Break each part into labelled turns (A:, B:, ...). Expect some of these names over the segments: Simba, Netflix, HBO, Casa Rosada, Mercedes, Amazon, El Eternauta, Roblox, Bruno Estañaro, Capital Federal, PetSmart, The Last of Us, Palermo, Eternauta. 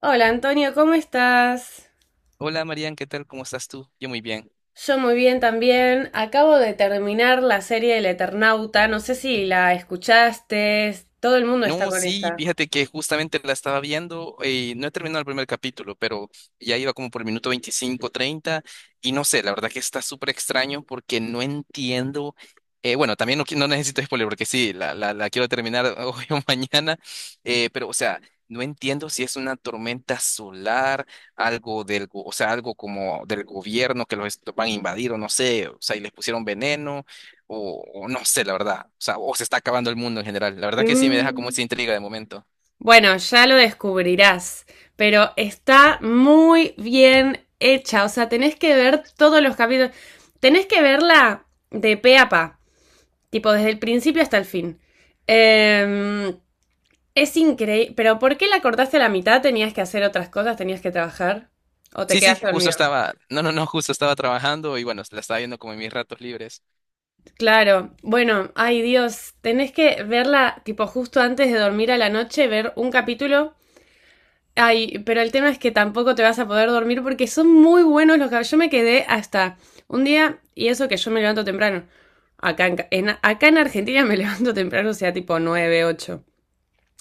A: Hola Antonio, ¿cómo estás?
B: Hola Marian, ¿qué tal? ¿Cómo estás tú? Yo muy bien.
A: Yo muy bien también. Acabo de terminar la serie El Eternauta. No sé si la escuchaste. Todo el mundo está
B: No,
A: con
B: sí,
A: esa.
B: fíjate que justamente la estaba viendo y no he terminado el primer capítulo, pero ya iba como por el minuto 25, 30 y no sé, la verdad que está súper extraño porque no entiendo, bueno, también no, no necesito spoiler porque sí, la quiero terminar hoy o mañana, pero o sea, no entiendo si es una tormenta solar, algo o sea, algo como del gobierno que los van a invadir o no sé, o sea, y les pusieron veneno o no sé, la verdad. O sea, o se está acabando el mundo en general. La verdad que sí me deja como
A: Mm.
B: esa intriga de momento.
A: Bueno, ya lo descubrirás, pero está muy bien hecha. O sea, tenés que ver todos los capítulos. Tenés que verla de pe a pa, tipo desde el principio hasta el fin. Em, Es increíble. ¿Pero por qué la cortaste a la mitad? ¿Tenías que hacer otras cosas? ¿Tenías que trabajar? ¿O te
B: Sí, sí,
A: quedaste
B: justo
A: dormido?
B: estaba, no, no, no, justo estaba trabajando y bueno, la estaba viendo como en mis ratos libres.
A: Claro. Bueno, ay Dios, tenés que verla tipo justo antes de dormir a la noche, ver un capítulo. Ay, pero el tema es que tampoco te vas a poder dormir porque son muy buenos los capítulos. Yo me quedé hasta un día, y eso que yo me levanto temprano. Acá en Argentina me levanto temprano, o sea, tipo 9 8,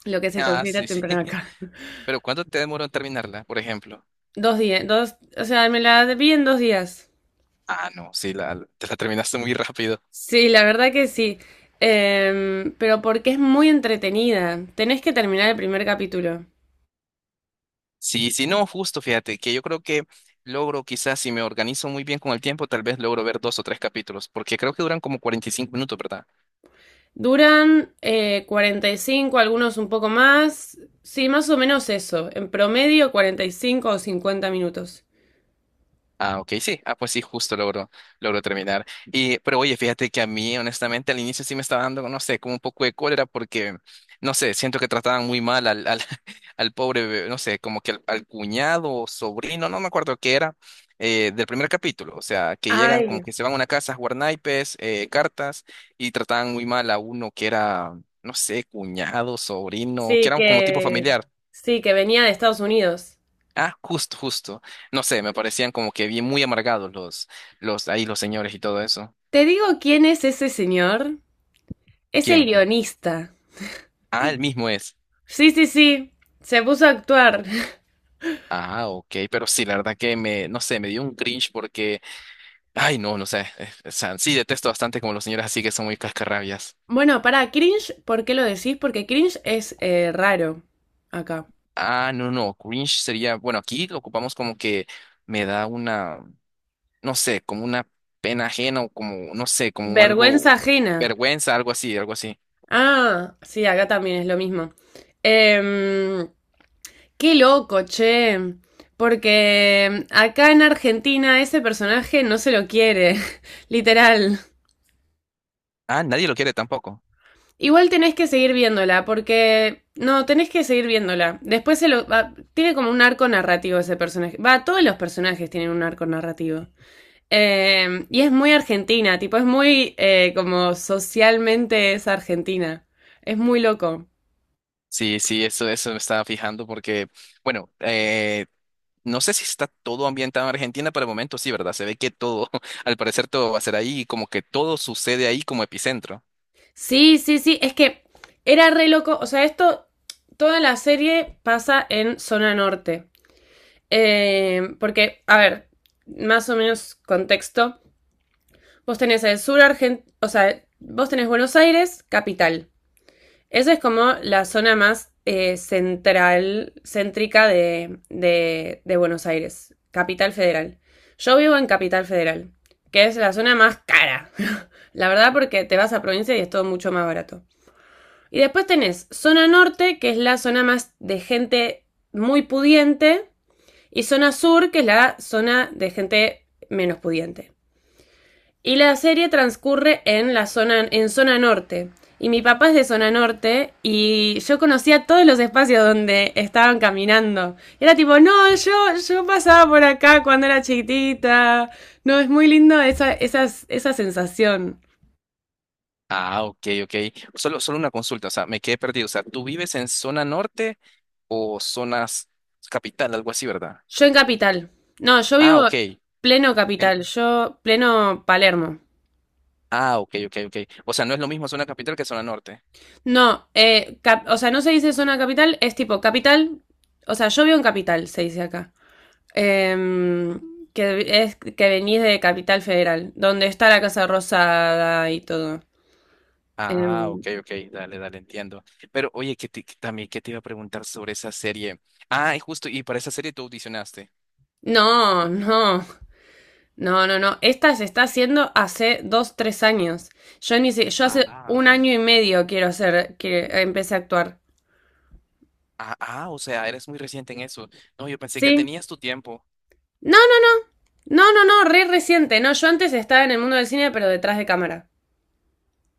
A: lo que se
B: Ah,
A: considera
B: sí, sí.
A: temprano acá.
B: Pero ¿cuánto te demoró en terminarla, por ejemplo?
A: Dos días, dos, o sea, me la vi en dos días.
B: Ah, no, sí, la, te la terminaste muy rápido.
A: Sí, la verdad que sí. Pero porque es muy entretenida. Tenés que terminar el primer capítulo.
B: Sí, sí, no, justo, fíjate, que yo creo que logro quizás si me organizo muy bien con el tiempo, tal vez logro ver dos o tres capítulos, porque creo que duran como 45 minutos, ¿verdad?
A: Duran 45, algunos un poco más. Sí, más o menos eso. En promedio 45 o 50 minutos.
B: Ah, ok, sí. Ah, pues sí, justo logro, logro terminar. Y, pero oye, fíjate que a mí, honestamente, al inicio sí me estaba dando, no sé, como un poco de cólera porque, no sé, siento que trataban muy mal al pobre, bebé, no sé, como que al cuñado o sobrino, no me acuerdo qué era, del primer capítulo. O sea, que llegan como
A: Ay,
B: que se van a una casa a jugar naipes, cartas, y trataban muy mal a uno que era, no sé, cuñado, sobrino, que
A: sí
B: era como tipo
A: que...
B: familiar.
A: Sí, que venía de Estados Unidos.
B: Ah, justo, justo. No sé, me parecían como que bien muy amargados ahí los señores y todo eso.
A: ¿Te digo quién es ese señor? Es el
B: ¿Quién?
A: guionista.
B: Ah, el mismo es.
A: Sí, sí, sí. Se puso a actuar.
B: Ah, ok, pero sí, la verdad que me, no sé, me dio un cringe porque, ay, no, no sé, o sea, sí detesto bastante como los señores así que son muy cascarrabias.
A: Bueno, para cringe, ¿por qué lo decís? Porque cringe es raro acá.
B: Ah, no, no, cringe sería, bueno, aquí lo ocupamos como que me da una, no sé, como una pena ajena o como, no sé, como algo,
A: Vergüenza ajena.
B: vergüenza, algo así, algo así.
A: Ah, sí, acá también es lo mismo. Em, Qué loco, che. Porque acá en Argentina ese personaje no se lo quiere, literal.
B: Ah, nadie lo quiere tampoco.
A: Igual tenés que seguir viéndola, porque... No, tenés que seguir viéndola. Después tiene como un arco narrativo ese personaje. Va, todos los personajes tienen un arco narrativo. Y es muy argentina, tipo, es muy como socialmente es argentina. Es muy loco.
B: Sí, sí, eso me estaba fijando porque, bueno, no sé si está todo ambientado en Argentina, pero de momento sí, ¿verdad? Se ve que todo, al parecer todo va a ser ahí y como que todo sucede ahí como epicentro.
A: Sí, sí, sí, es que era re loco, o sea, esto, toda la serie pasa en zona norte. Porque, a ver, más o menos contexto, vos tenés el sur argentino, o sea, vos tenés Buenos Aires, capital. Esa es como la zona más central, céntrica de Buenos Aires, capital federal. Yo vivo en Capital Federal, que es la zona más cara. La verdad, porque te vas a provincia y es todo mucho más barato. Y después tenés zona norte, que es la zona más de gente muy pudiente, y zona sur, que es la zona de gente menos pudiente. Y la serie transcurre en zona norte. Y mi papá es de zona norte y yo conocía todos los espacios donde estaban caminando. Y era tipo, no, yo pasaba por acá cuando era chiquitita. No, es muy lindo esa sensación.
B: Ah, ok, ok. Solo, solo una consulta, o sea, me quedé perdido. O sea, ¿tú vives en zona norte o zonas capital, algo así, ¿verdad?
A: Yo en Capital. No, yo
B: Ah,
A: vivo
B: ok.
A: pleno
B: En-
A: Capital, yo pleno Palermo.
B: Ah, ok, ok, ok. O sea, no es lo mismo zona capital que zona norte.
A: No, o sea, no se dice zona capital, es tipo Capital, o sea, yo vivo en Capital, se dice acá. Em, que es que venís de Capital Federal, donde está la Casa Rosada y todo.
B: Ah,
A: Em,
B: ok, ok, dale, dale, entiendo. Pero oye, que también que te iba a preguntar sobre esa serie. Ah, y justo, y para esa serie tú audicionaste.
A: no, no, no, no, no. Esta se está haciendo hace dos, tres años. Yo ni si- yo hace un
B: Ah,
A: año y medio quiero hacer, que empecé a actuar.
B: ah, ah, o sea, eres muy reciente en eso. No, yo pensé que
A: Sí.
B: tenías tu tiempo.
A: No, no, no, no, re reciente. No, yo antes estaba en el mundo del cine, pero detrás de cámara.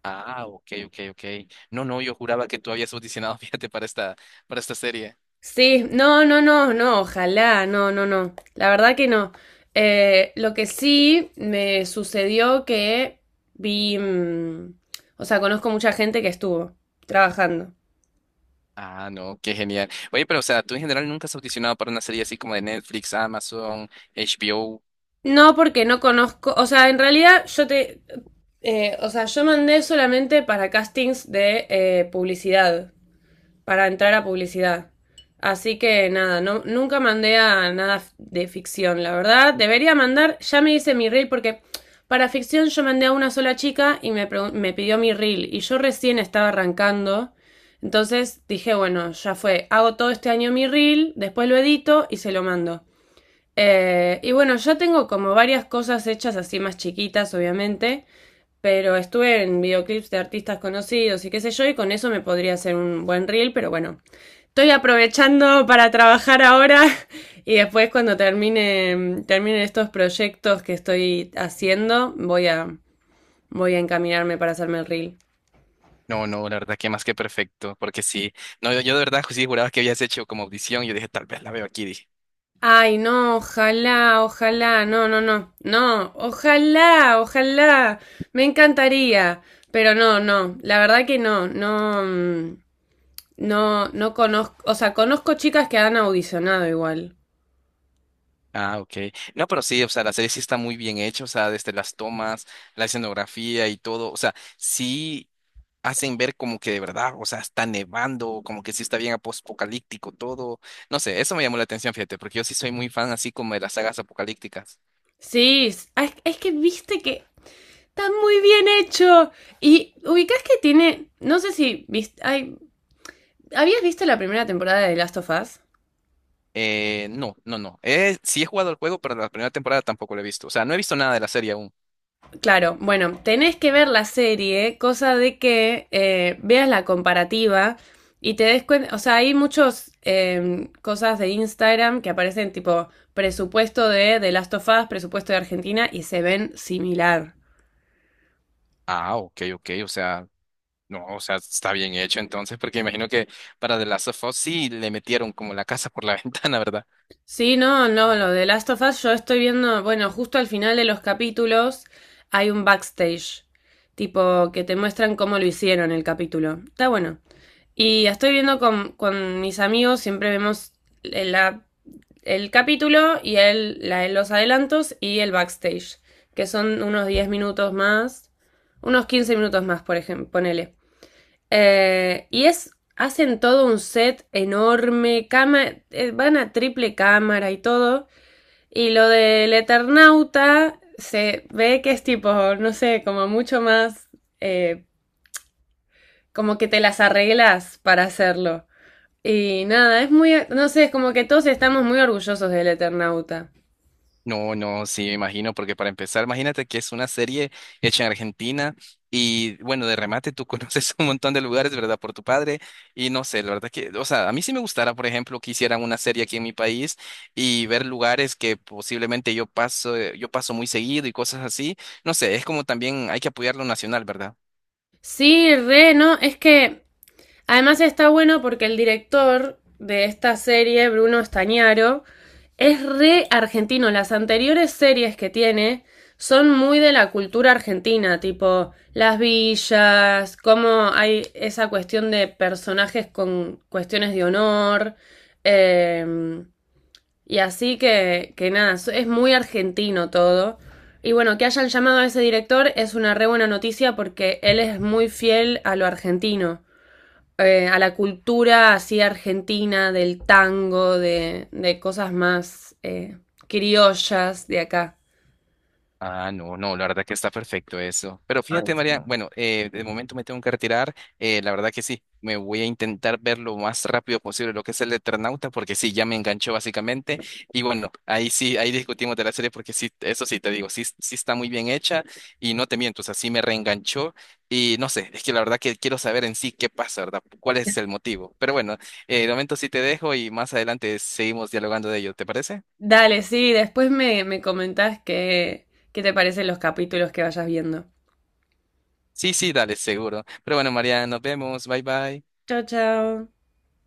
B: Ah, ok, ok, ok. No, no, yo juraba que tú habías audicionado, fíjate, para esta serie.
A: Sí, no, no, no, no, ojalá, no, no, no. La verdad que no. Lo que sí me sucedió que vi, mm, o sea, conozco mucha gente que estuvo trabajando.
B: Ah, no, qué genial. Oye, pero o sea, tú en general nunca has audicionado para una serie así como de Netflix, Amazon, HBO.
A: No porque no conozco, o sea, en realidad o sea, yo mandé solamente para castings de publicidad. Para entrar a publicidad. Así que nada, no, nunca mandé a nada de ficción, la verdad. Debería mandar, ya me hice mi reel porque para ficción yo mandé a una sola chica y me pidió mi reel y yo recién estaba arrancando. Entonces dije, bueno, ya fue, hago todo este año mi reel, después lo edito y se lo mando. Y bueno, ya tengo como varias cosas hechas así más chiquitas, obviamente. Pero estuve en videoclips de artistas conocidos y qué sé yo, y con eso me podría hacer un buen reel, pero bueno, estoy aprovechando para trabajar ahora y después cuando termine estos proyectos que estoy haciendo, voy a encaminarme para hacerme el reel.
B: No, no, la verdad que más que perfecto, porque sí, no, yo de verdad pues sí juraba que habías hecho como audición, yo dije, tal vez la veo aquí, dije.
A: Ay, no, ojalá, ojalá, no, no, no, no, ojalá, ojalá, me encantaría, pero no, no, la verdad que no, no, mm, no, no conozco, o sea, conozco chicas que han audicionado igual.
B: Ah, ok. No, pero sí, o sea, la serie sí está muy bien hecha, o sea, desde las tomas, la escenografía y todo, o sea, sí hacen ver como que de verdad, o sea, está nevando, como que sí está bien apocalíptico todo. No sé, eso me llamó la atención, fíjate, porque yo sí soy muy fan así como de las sagas apocalípticas.
A: Sí, ah, que viste que está muy bien hecho. Y ubicás que tiene, no sé si viste, ay, ¿habías visto la primera temporada de Last of Us?
B: No, no, no. Sí he jugado el juego, pero la primera temporada tampoco lo he visto, o sea, no he visto nada de la serie aún.
A: Claro, bueno, tenés que ver la serie, cosa de que veas la comparativa y te des cuenta, o sea, hay muchas cosas de Instagram que aparecen tipo presupuesto de The Last of Us, presupuesto de Argentina y se ven similar.
B: Ah, ok, ok, o sea. No, o sea, está bien hecho entonces, porque imagino que para The Last of Us sí le metieron como la casa por la ventana, ¿verdad?
A: Sí, no, no, lo de Last of Us yo estoy viendo, bueno, justo al final de los capítulos hay un backstage, tipo que te muestran cómo lo hicieron el capítulo. Está bueno. Y estoy viendo con mis amigos, siempre vemos el, la- el capítulo y los adelantos y el backstage, que son unos 10 minutos más, unos 15 minutos más, por ejemplo, ponele. Eh, y es, Hacen todo un set enorme, cama, van a triple cámara y todo. Y lo del Eternauta se ve que es tipo, no sé, como mucho más, eh, como que te las arreglas para hacerlo. Y nada, es muy, no sé, es como que todos estamos muy orgullosos del Eternauta.
B: No, no, sí, me imagino, porque para empezar, imagínate que es una serie hecha en Argentina y bueno, de remate tú conoces un montón de lugares, ¿verdad? Por tu padre y no sé, la verdad que, o sea, a mí sí me gustara, por ejemplo, que hicieran una serie aquí en mi país y ver lugares que posiblemente yo paso muy seguido y cosas así. No sé, es como también hay que apoyar lo nacional, ¿verdad?
A: Sí, re, no, es que además está bueno porque el director de esta serie, Bruno Estañaro, es re argentino. Las anteriores series que tiene son muy de la cultura argentina, tipo las villas, cómo hay esa cuestión de personajes con cuestiones de honor. eh, y así que, nada, so, es muy argentino todo. Y bueno, que hayan llamado a ese director es una re buena noticia porque él es muy fiel a lo argentino, a la cultura así argentina, del tango, de cosas más criollas de acá.
B: Ah, no, no, la verdad que está perfecto eso. Pero
A: Ay.
B: fíjate, María, bueno, de momento me tengo que retirar. La verdad que sí, me voy a intentar ver lo más rápido posible lo que es el Eternauta, porque sí, ya me enganchó básicamente. Y bueno, ahí sí, ahí discutimos de la serie, porque sí, eso sí te digo, sí, sí está muy bien hecha y no te miento, o sea, sí me reenganchó. Y no sé, es que la verdad que quiero saber en sí qué pasa, ¿verdad? ¿Cuál es el motivo? Pero bueno, de momento sí te dejo y más adelante seguimos dialogando de ello, ¿te parece?
A: Dale, sí, después me comentás qué te parecen los capítulos que vayas viendo.
B: Sí, sí, dale, seguro. Pero bueno, María, nos vemos. Bye, bye.
A: Chao, chao.